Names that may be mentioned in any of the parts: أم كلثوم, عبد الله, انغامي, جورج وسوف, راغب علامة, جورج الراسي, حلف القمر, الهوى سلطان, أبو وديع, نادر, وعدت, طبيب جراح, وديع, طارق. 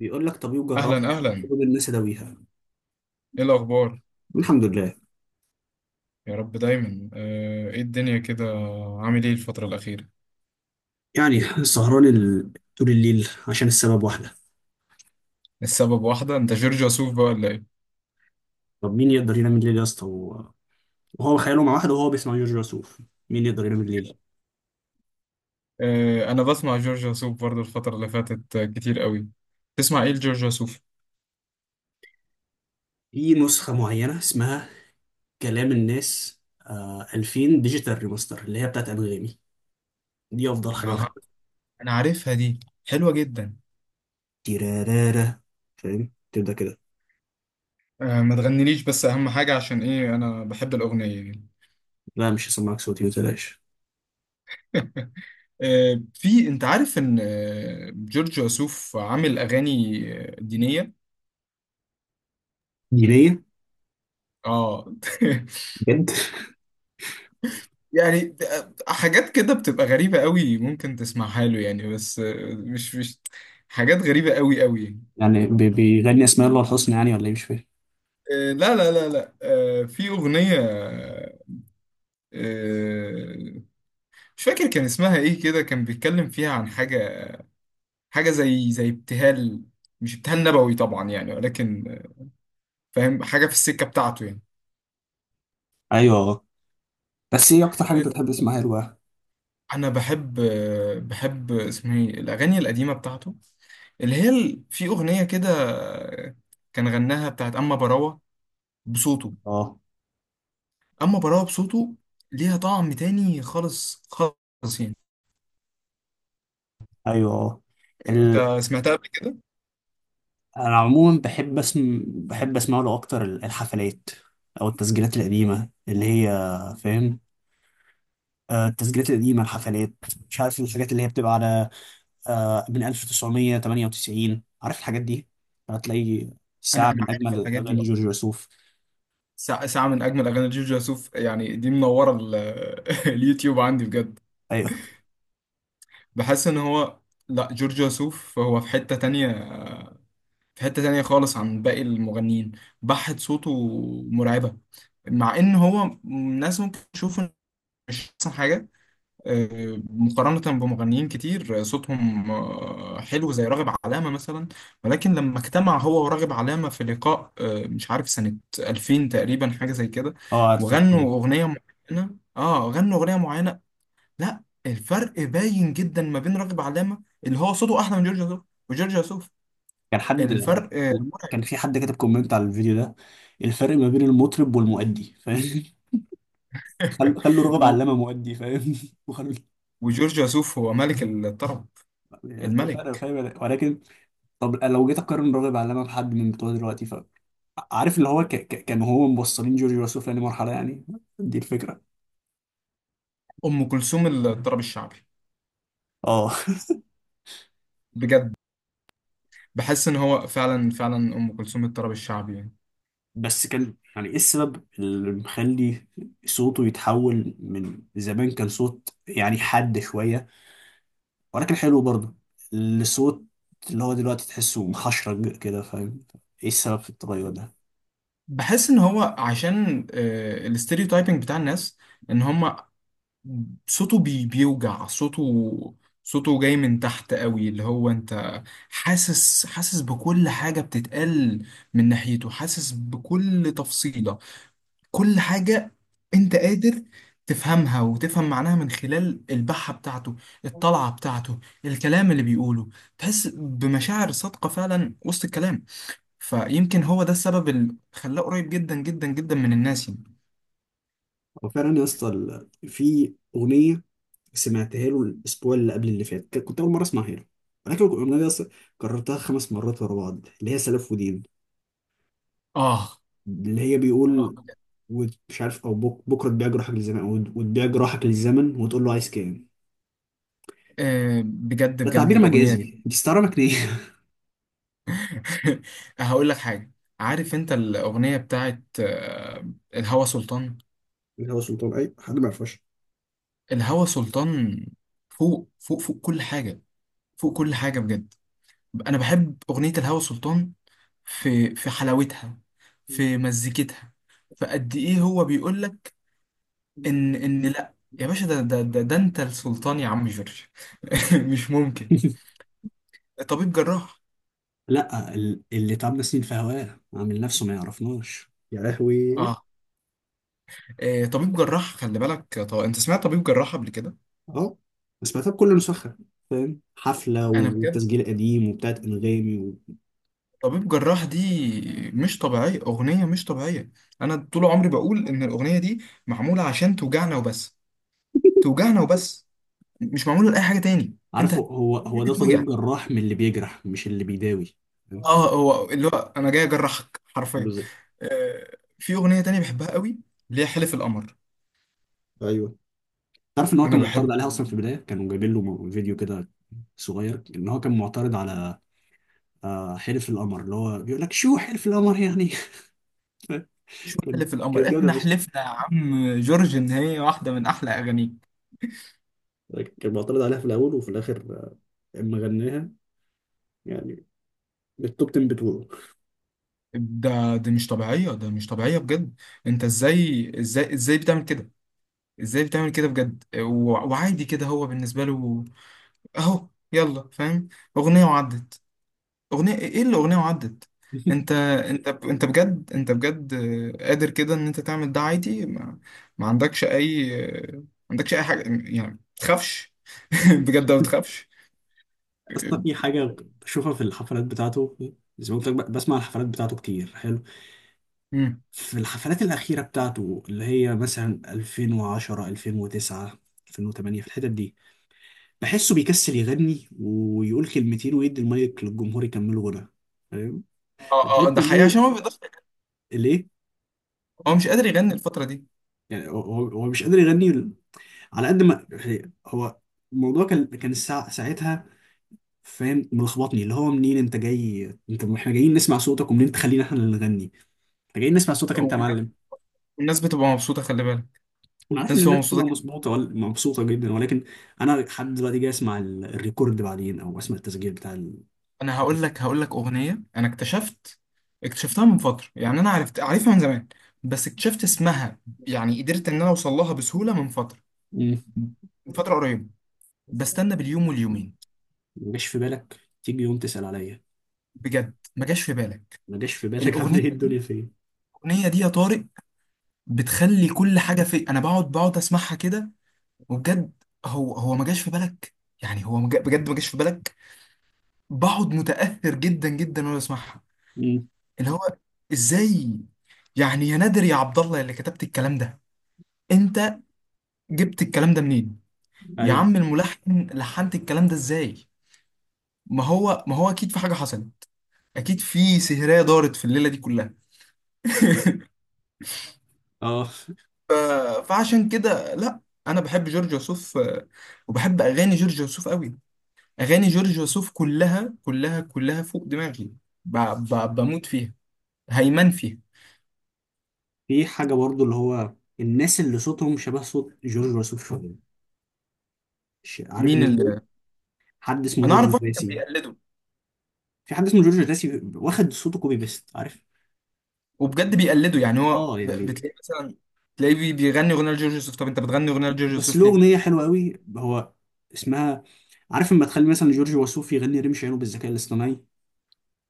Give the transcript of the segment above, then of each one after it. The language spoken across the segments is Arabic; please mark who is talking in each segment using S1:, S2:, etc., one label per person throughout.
S1: بيقول لك طب جراح،
S2: اهلا اهلا.
S1: خدوا الناس اداويها.
S2: ايه الاخبار؟
S1: الحمد لله.
S2: يا رب دايما. ايه الدنيا كده. عامل ايه الفتره الاخيره؟
S1: يعني سهران طول الليل عشان السبب واحده.
S2: السبب واحده انت جورج وسوف بقى ولا ايه؟
S1: طب مين يقدر ينام الليل يا اسطى وهو خياله مع واحده وهو بيسمع جورج وسوف؟ مين يقدر ينام الليل؟
S2: انا بسمع جورج وسوف برضو الفتره اللي فاتت كتير قوي. تسمع ايه لجورج وسوف؟
S1: في نسخه معينه اسمها كلام الناس، 2000 ديجيتال ريماستر اللي هي بتاعت انغامي. دي افضل حاجه
S2: اها.
S1: بحبها.
S2: انا عارفها دي. حلوه جدا.
S1: تيرارارا، فاهم؟ تبدا كده.
S2: ما تغنيليش بس اهم حاجه عشان ايه انا بحب الاغنيه يعني.
S1: لا، مش هسمعك صوتي، ما تقلقش.
S2: في انت عارف ان جورج وسوف عامل اغاني دينيه.
S1: دينيه؟
S2: اه.
S1: بجد؟
S2: يعني حاجات كده بتبقى غريبة قوي ممكن تسمعها له يعني. بس مش حاجات غريبة قوي قوي.
S1: يعني بيغني اسماء الله الحسنى يعني، ولا ايه؟ مش فاهم.
S2: لا لا لا لا. في أغنية. آه، مش فاكر كان اسمها ايه كده كان بيتكلم فيها عن حاجة. حاجة زي ابتهال. مش ابتهال نبوي طبعا يعني ولكن فاهم حاجة في السكة بتاعته يعني.
S1: ايوه. بس ايه اكتر حاجه
S2: آه،
S1: انت بتحب تسمعها له بقى؟
S2: انا بحب اسمه ايه الاغاني القديمه بتاعته. اللي هي في اغنيه كده كان غناها بتاعت اما براوه بصوته.
S1: اه.
S2: اما براوة بصوته. ليها طعم تاني خالص خالص يعني.
S1: ايوه. اه.
S2: انت
S1: ال...
S2: سمعتها قبل كده؟
S1: انا عموما بحب بحب اسمع له اكتر الحفلات او التسجيلات القديمه اللي هي، فاهم؟ التسجيلات القديمه، الحفلات، مش عارف الحاجات اللي هي بتبقى على، من 1998، عارف الحاجات دي؟ هتلاقي ساعه
S2: انا
S1: من
S2: عارف
S1: اجمل
S2: الحاجات دي.
S1: اغاني
S2: اه.
S1: جورج وسوف.
S2: ساعة ساعة من اجمل اغاني جورج وسوف يعني. دي منورة اليوتيوب عندي بجد.
S1: ايوه.
S2: بحس ان هو لا جورج وسوف هو في حتة تانية. في حتة تانية خالص عن باقي المغنيين. بحة صوته مرعبة. مع ان هو الناس ممكن تشوفه مش احسن حاجة. مقارنة بمغنيين كتير صوتهم حلو زي راغب علامة مثلا. ولكن لما اجتمع هو وراغب علامة في لقاء مش عارف سنة 2000 تقريبا حاجة زي كده.
S1: اه، عارف الأغنية.
S2: وغنوا أغنية معينة اه غنوا أغنية معينة. لا الفرق باين جدا ما بين راغب علامة اللي هو صوته أحلى من جورج وسوف. وجورج وسوف
S1: كان حد
S2: الفرق
S1: كان
S2: مرعب.
S1: في حد كاتب كومنت على الفيديو ده: الفرق ما بين المطرب والمؤدي، فاهم؟ خلوا رغب
S2: و-
S1: علامه مؤدي، فاهم؟ وخلوا.
S2: وجورج وسوف هو ملك الطرب.
S1: فعلا،
S2: الملك.
S1: فاهم؟ ولكن طب لو جيت اقارن راغب علامه بحد من بتوع دلوقتي ف، عارف اللي هو كانوا هو موصلين جورج وسوف لمرحله يعني. دي الفكره.
S2: أم كلثوم الطرب الشعبي.
S1: اه.
S2: بجد. بحس ان هو فعلا فعلا ام كلثوم الطرب الشعبي يعني.
S1: بس كان، يعني، ايه السبب اللي مخلي صوته يتحول؟ من زمان كان صوت يعني حاد شويه ولكن حلو برضه، لصوت اللي هو دلوقتي تحسه محشرج كده، فاهم؟ ايه السبب في التغير ده؟
S2: بحس ان هو عشان الاستيريوتايبنج بتاع الناس ان هم صوته بيوجع صوته. صوته جاي من تحت قوي اللي هو انت حاسس. حاسس بكل حاجة بتتقال من ناحيته. حاسس بكل تفصيلة. كل حاجة. انت قادر تفهمها وتفهم معناها من خلال البحة بتاعته. الطلعة بتاعته. الكلام اللي بيقوله. تحس بمشاعر صادقة فعلا وسط الكلام. فيمكن هو ده السبب اللي خلاه قريب جدا جدا جدا من الناس يعني.
S1: وفعلا يا اسطى، في اغنيه سمعتها له الاسبوع اللي قبل اللي فات، كنت اول مره اسمعها له، ولكن الاغنيه دي أصلاً كررتها خمس مرات ورا بعض، اللي هي سلف ودين.
S2: اه.
S1: اللي هي بيقول: ومش عارف، او بكره تبيع جراحك للزمن، وتبيع جراحك للزمن وتقول له عايز كام.
S2: بجد
S1: ده
S2: بجد
S1: تعبير
S2: الأغنية
S1: مجازي،
S2: دي.
S1: دي استعاره مكنيه.
S2: هقول لك حاجة. عارف انت الأغنية بتاعت الهوى سلطان.
S1: اللي هو سلطان، اي حد ما يعرفهاش.
S2: الهوى سلطان فوق فوق فوق كل حاجة. فوق كل حاجة بجد. أنا بحب أغنية الهوى سلطان. في حلاوتها. في مزيكتها. فقد إيه هو بيقول لك ان لا يا باشا. ده انت السلطان يا عم جورج. مش ممكن. طبيب جراح.
S1: لا، اللي تعبنا سنين في هواه عامل نفسه ما يعرفناش يا لهوي.
S2: اه. طبيب جراح. خلي بالك طب انت سمعت طبيب جراح قبل كده؟
S1: اه. بس ما كله مسخن، فاهم؟ حفله
S2: انا بجد
S1: وتسجيل قديم وبتاعت انغامي و...
S2: طبيب جراح دي مش طبيعيه. اغنيه مش طبيعيه. انا طول عمري بقول ان الاغنيه دي معموله عشان توجعنا وبس. توجعنا وبس. مش معموله لاي حاجه تاني.
S1: عارفه،
S2: انت
S1: هو ده طبيب
S2: هتتوجع.
S1: جراح من اللي بيجرح مش اللي بيداوي، فاهم؟
S2: اه هو اللي هو انا جاي اجرحك حرفيا.
S1: بالظبط.
S2: في اغنيه تانية بحبها قوي اللي هي حلف القمر.
S1: ايوه. تعرف ان هو
S2: انا
S1: كان معترض
S2: بحب
S1: عليها اصلا في البدايه، كانوا جايبين له فيديو كده صغير، ان هو كان معترض على حلف القمر، اللي هو بيقول لك: شو حلف القمر يعني؟
S2: شو
S1: كان-
S2: حلف القمر؟
S1: كانت جامده
S2: احنا
S1: فشخ.
S2: حلفنا يا عم جورج ان هي واحدة من احلى اغانيك.
S1: كان معترض عليها في الاول، وفي الاخر اما غناها، يعني التوب 10 بتوعه.
S2: ده دي مش طبيعية. ده مش طبيعية بجد. انت ازاي ازاي ازاي بتعمل كده؟ ازاي بتعمل كده بجد وعادي كده هو بالنسبة له. اهو يلا فاهم. اغنية وعدت. اغنية ايه اللي اغنية وعدت. انت انت انت بجد انت بجد قادر كده ان انت تعمل ده عادي. ما عندكش اي. ما عندكش اي حاجة. يعني ما تخافش. بجد ما تخافش.
S1: اصلا في حاجة بشوفها في الحفلات بتاعته، زي ما قلت لك بسمع الحفلات بتاعته كتير، حلو. في الحفلات الأخيرة بتاعته اللي هي مثلا 2010، 2009، 2008، في الحتت دي، بحسه بيكسل يغني ويقول كلمتين ويدي المايك للجمهور يكملوا غنى، فاهم؟
S2: اه اه ده
S1: الحتة
S2: حقيقي
S1: دي،
S2: عشان هو بيضحك.
S1: ليه؟
S2: هو مش قادر يغني الفترة دي.
S1: يعني هو مش قادر يغني، على قد ما، يعني هو الموضوع كان، الساعة ساعتها، فاهم؟ ملخبطني اللي هو منين انت جاي؟ انت، احنا جايين نسمع صوتك، ومنين تخلينا احنا اللي نغني؟ فجايين نسمع صوتك انت يا
S2: والناس.
S1: معلم.
S2: والناس بتبقى مبسوطة خلي بالك.
S1: انا عارف
S2: الناس
S1: ان
S2: بتبقى
S1: الناس
S2: مبسوطة
S1: بتبقى
S2: جدا.
S1: مظبوطه ولا مبسوطه جدا، ولكن انا لحد دلوقتي جاي اسمع الريكورد بعدين، او اسمع التسجيل بتاع ال...
S2: انا هقول لك اغنية انا اكتشفت. اكتشفتها من فترة يعني انا عارفها من زمان. بس اكتشفت اسمها. يعني قدرت ان انا اوصل لها بسهولة من فترة.
S1: مم.
S2: من فترة قريبة. بستنى باليوم واليومين.
S1: ما جاش في بالك تيجي يوم تسال عليا؟
S2: بجد ما جاش في بالك.
S1: ما جاش في بالك عامله
S2: الاغنية
S1: ايه الدنيا فين؟
S2: الاغنية دي يا طارق بتخلي كل حاجة في. انا بقعد اسمعها كده وبجد. هو ما جاش في بالك. يعني هو بجد ما جاش في بالك. بقعد متأثر جدا جدا وانا بسمعها.
S1: مم.
S2: اللي هو ازاي يعني يا نادر يا عبد الله اللي كتبت الكلام ده. انت جبت الكلام ده منين؟ يا
S1: ايوه.
S2: عم الملحن لحنت الكلام ده ازاي؟ ما هو اكيد في حاجة حصلت. اكيد في سهرية دارت في الليلة دي كلها.
S1: اه.
S2: ف- فعشان كده لا. انا بحب جورج وسوف. وبحب اغاني جورج وسوف قوي. اغاني جورج وسوف كلها كلها كلها فوق دماغي. ب- بموت فيها. هيمن فيها.
S1: في حاجه برضو اللي هو الناس اللي صوتهم شبه صوت جورج وسوف شويه، عارف
S2: مين
S1: الناس دول؟
S2: اللي؟
S1: حد اسمه
S2: انا
S1: جورج
S2: اعرف واحد كان
S1: الراسي.
S2: بيقلده.
S1: في حد اسمه جورج الراسي واخد صوته كوبي بيست، عارف؟
S2: وبجد بيقلده. يعني هو
S1: اه، يعني.
S2: بتلاقي مثلا تلاقيه بيغني اغنيه لجورج يوسف. طب انت بتغني اغنيه لجورج
S1: بس له
S2: يوسف ليه؟
S1: اغنيه حلوه قوي هو، اسمها، عارف لما تخلي مثلا جورج وسوف يغني رمش عينه بالذكاء الاصطناعي؟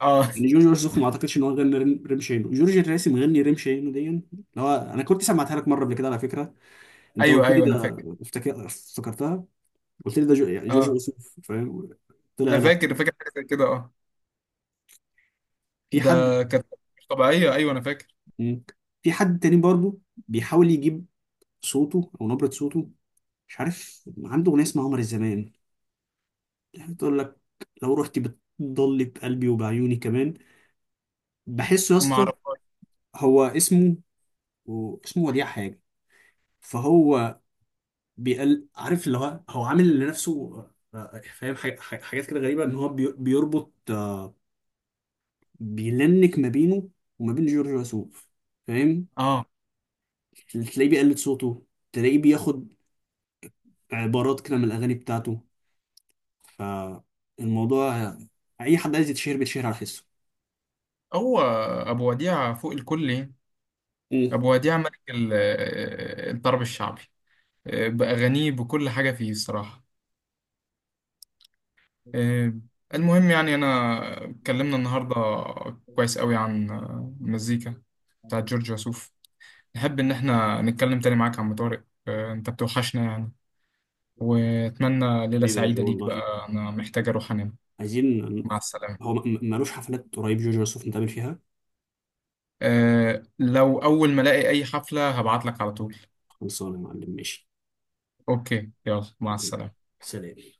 S2: اه.
S1: يعني جورج وسوف ما اعتقدش ان هو غنى رمش عينه، جورج الراسي مغني رمش عينه دي، اللي هو انا كنت سمعتها لك مره قبل كده على فكره. انت
S2: ايوه
S1: قلت لي
S2: ايوه انا
S1: ده،
S2: فاكر.
S1: افتكرتها. قلت لي ده يعني جورج
S2: اه
S1: وسوف، فاهم؟ طلع
S2: انا
S1: لا.
S2: فاكر حاجه زي كده اه.
S1: في حد.
S2: ده كانت مش طبيعيه. ايوه انا فاكر.
S1: مم. في حد تاني برضه بيحاول يجيب صوته او نبره صوته، مش عارف، عنده اغنيه اسمها قمر الزمان، يعني تقول لك: لو رحت بتضل بقلبي وبعيوني كمان. بحسه يا
S2: ما
S1: اسطى،
S2: اعرفهاش.
S1: هو اسمه، وديع حاجه. فهو بيقل، عارف اللي هو عامل لنفسه فاهم، حاجات كده غريبه، ان هو بيربط، بيلنك ما بينه وما بين جورج وسوف، فاهم؟
S2: اه
S1: تلاقيه بيقلد صوته، تلاقيه بياخد عبارات كده من الاغاني بتاعته. فالموضوع اي حد عايز يتشهر بيتشهر على حسه.
S2: هو ابو وديع فوق الكل يعني.
S1: مم.
S2: ابو وديع ملك الطرب الشعبي. باغانيه بكل حاجه فيه الصراحه. آه، المهم يعني انا اتكلمنا النهارده كويس قوي عن المزيكا بتاعت جورج وسوف. نحب إن إحنا نتكلم تاني معاك يا عم طارق. أنت بتوحشنا يعني. وأتمنى ليلة
S1: ليه بقى
S2: سعيدة
S1: جو
S2: ليك
S1: والله؟
S2: بقى. أنا محتاج أروح أنام.
S1: عايزين ن-
S2: مع
S1: هو
S2: السلامة.
S1: مالوش حفلات قريب جورج وسوف نتقابل فيها؟
S2: أه لو أول ما ألاقي أي حفلة هبعت لك على طول.
S1: خلصانة يا معلم، ماشي.
S2: أوكي يلا مع السلامة.
S1: سلام.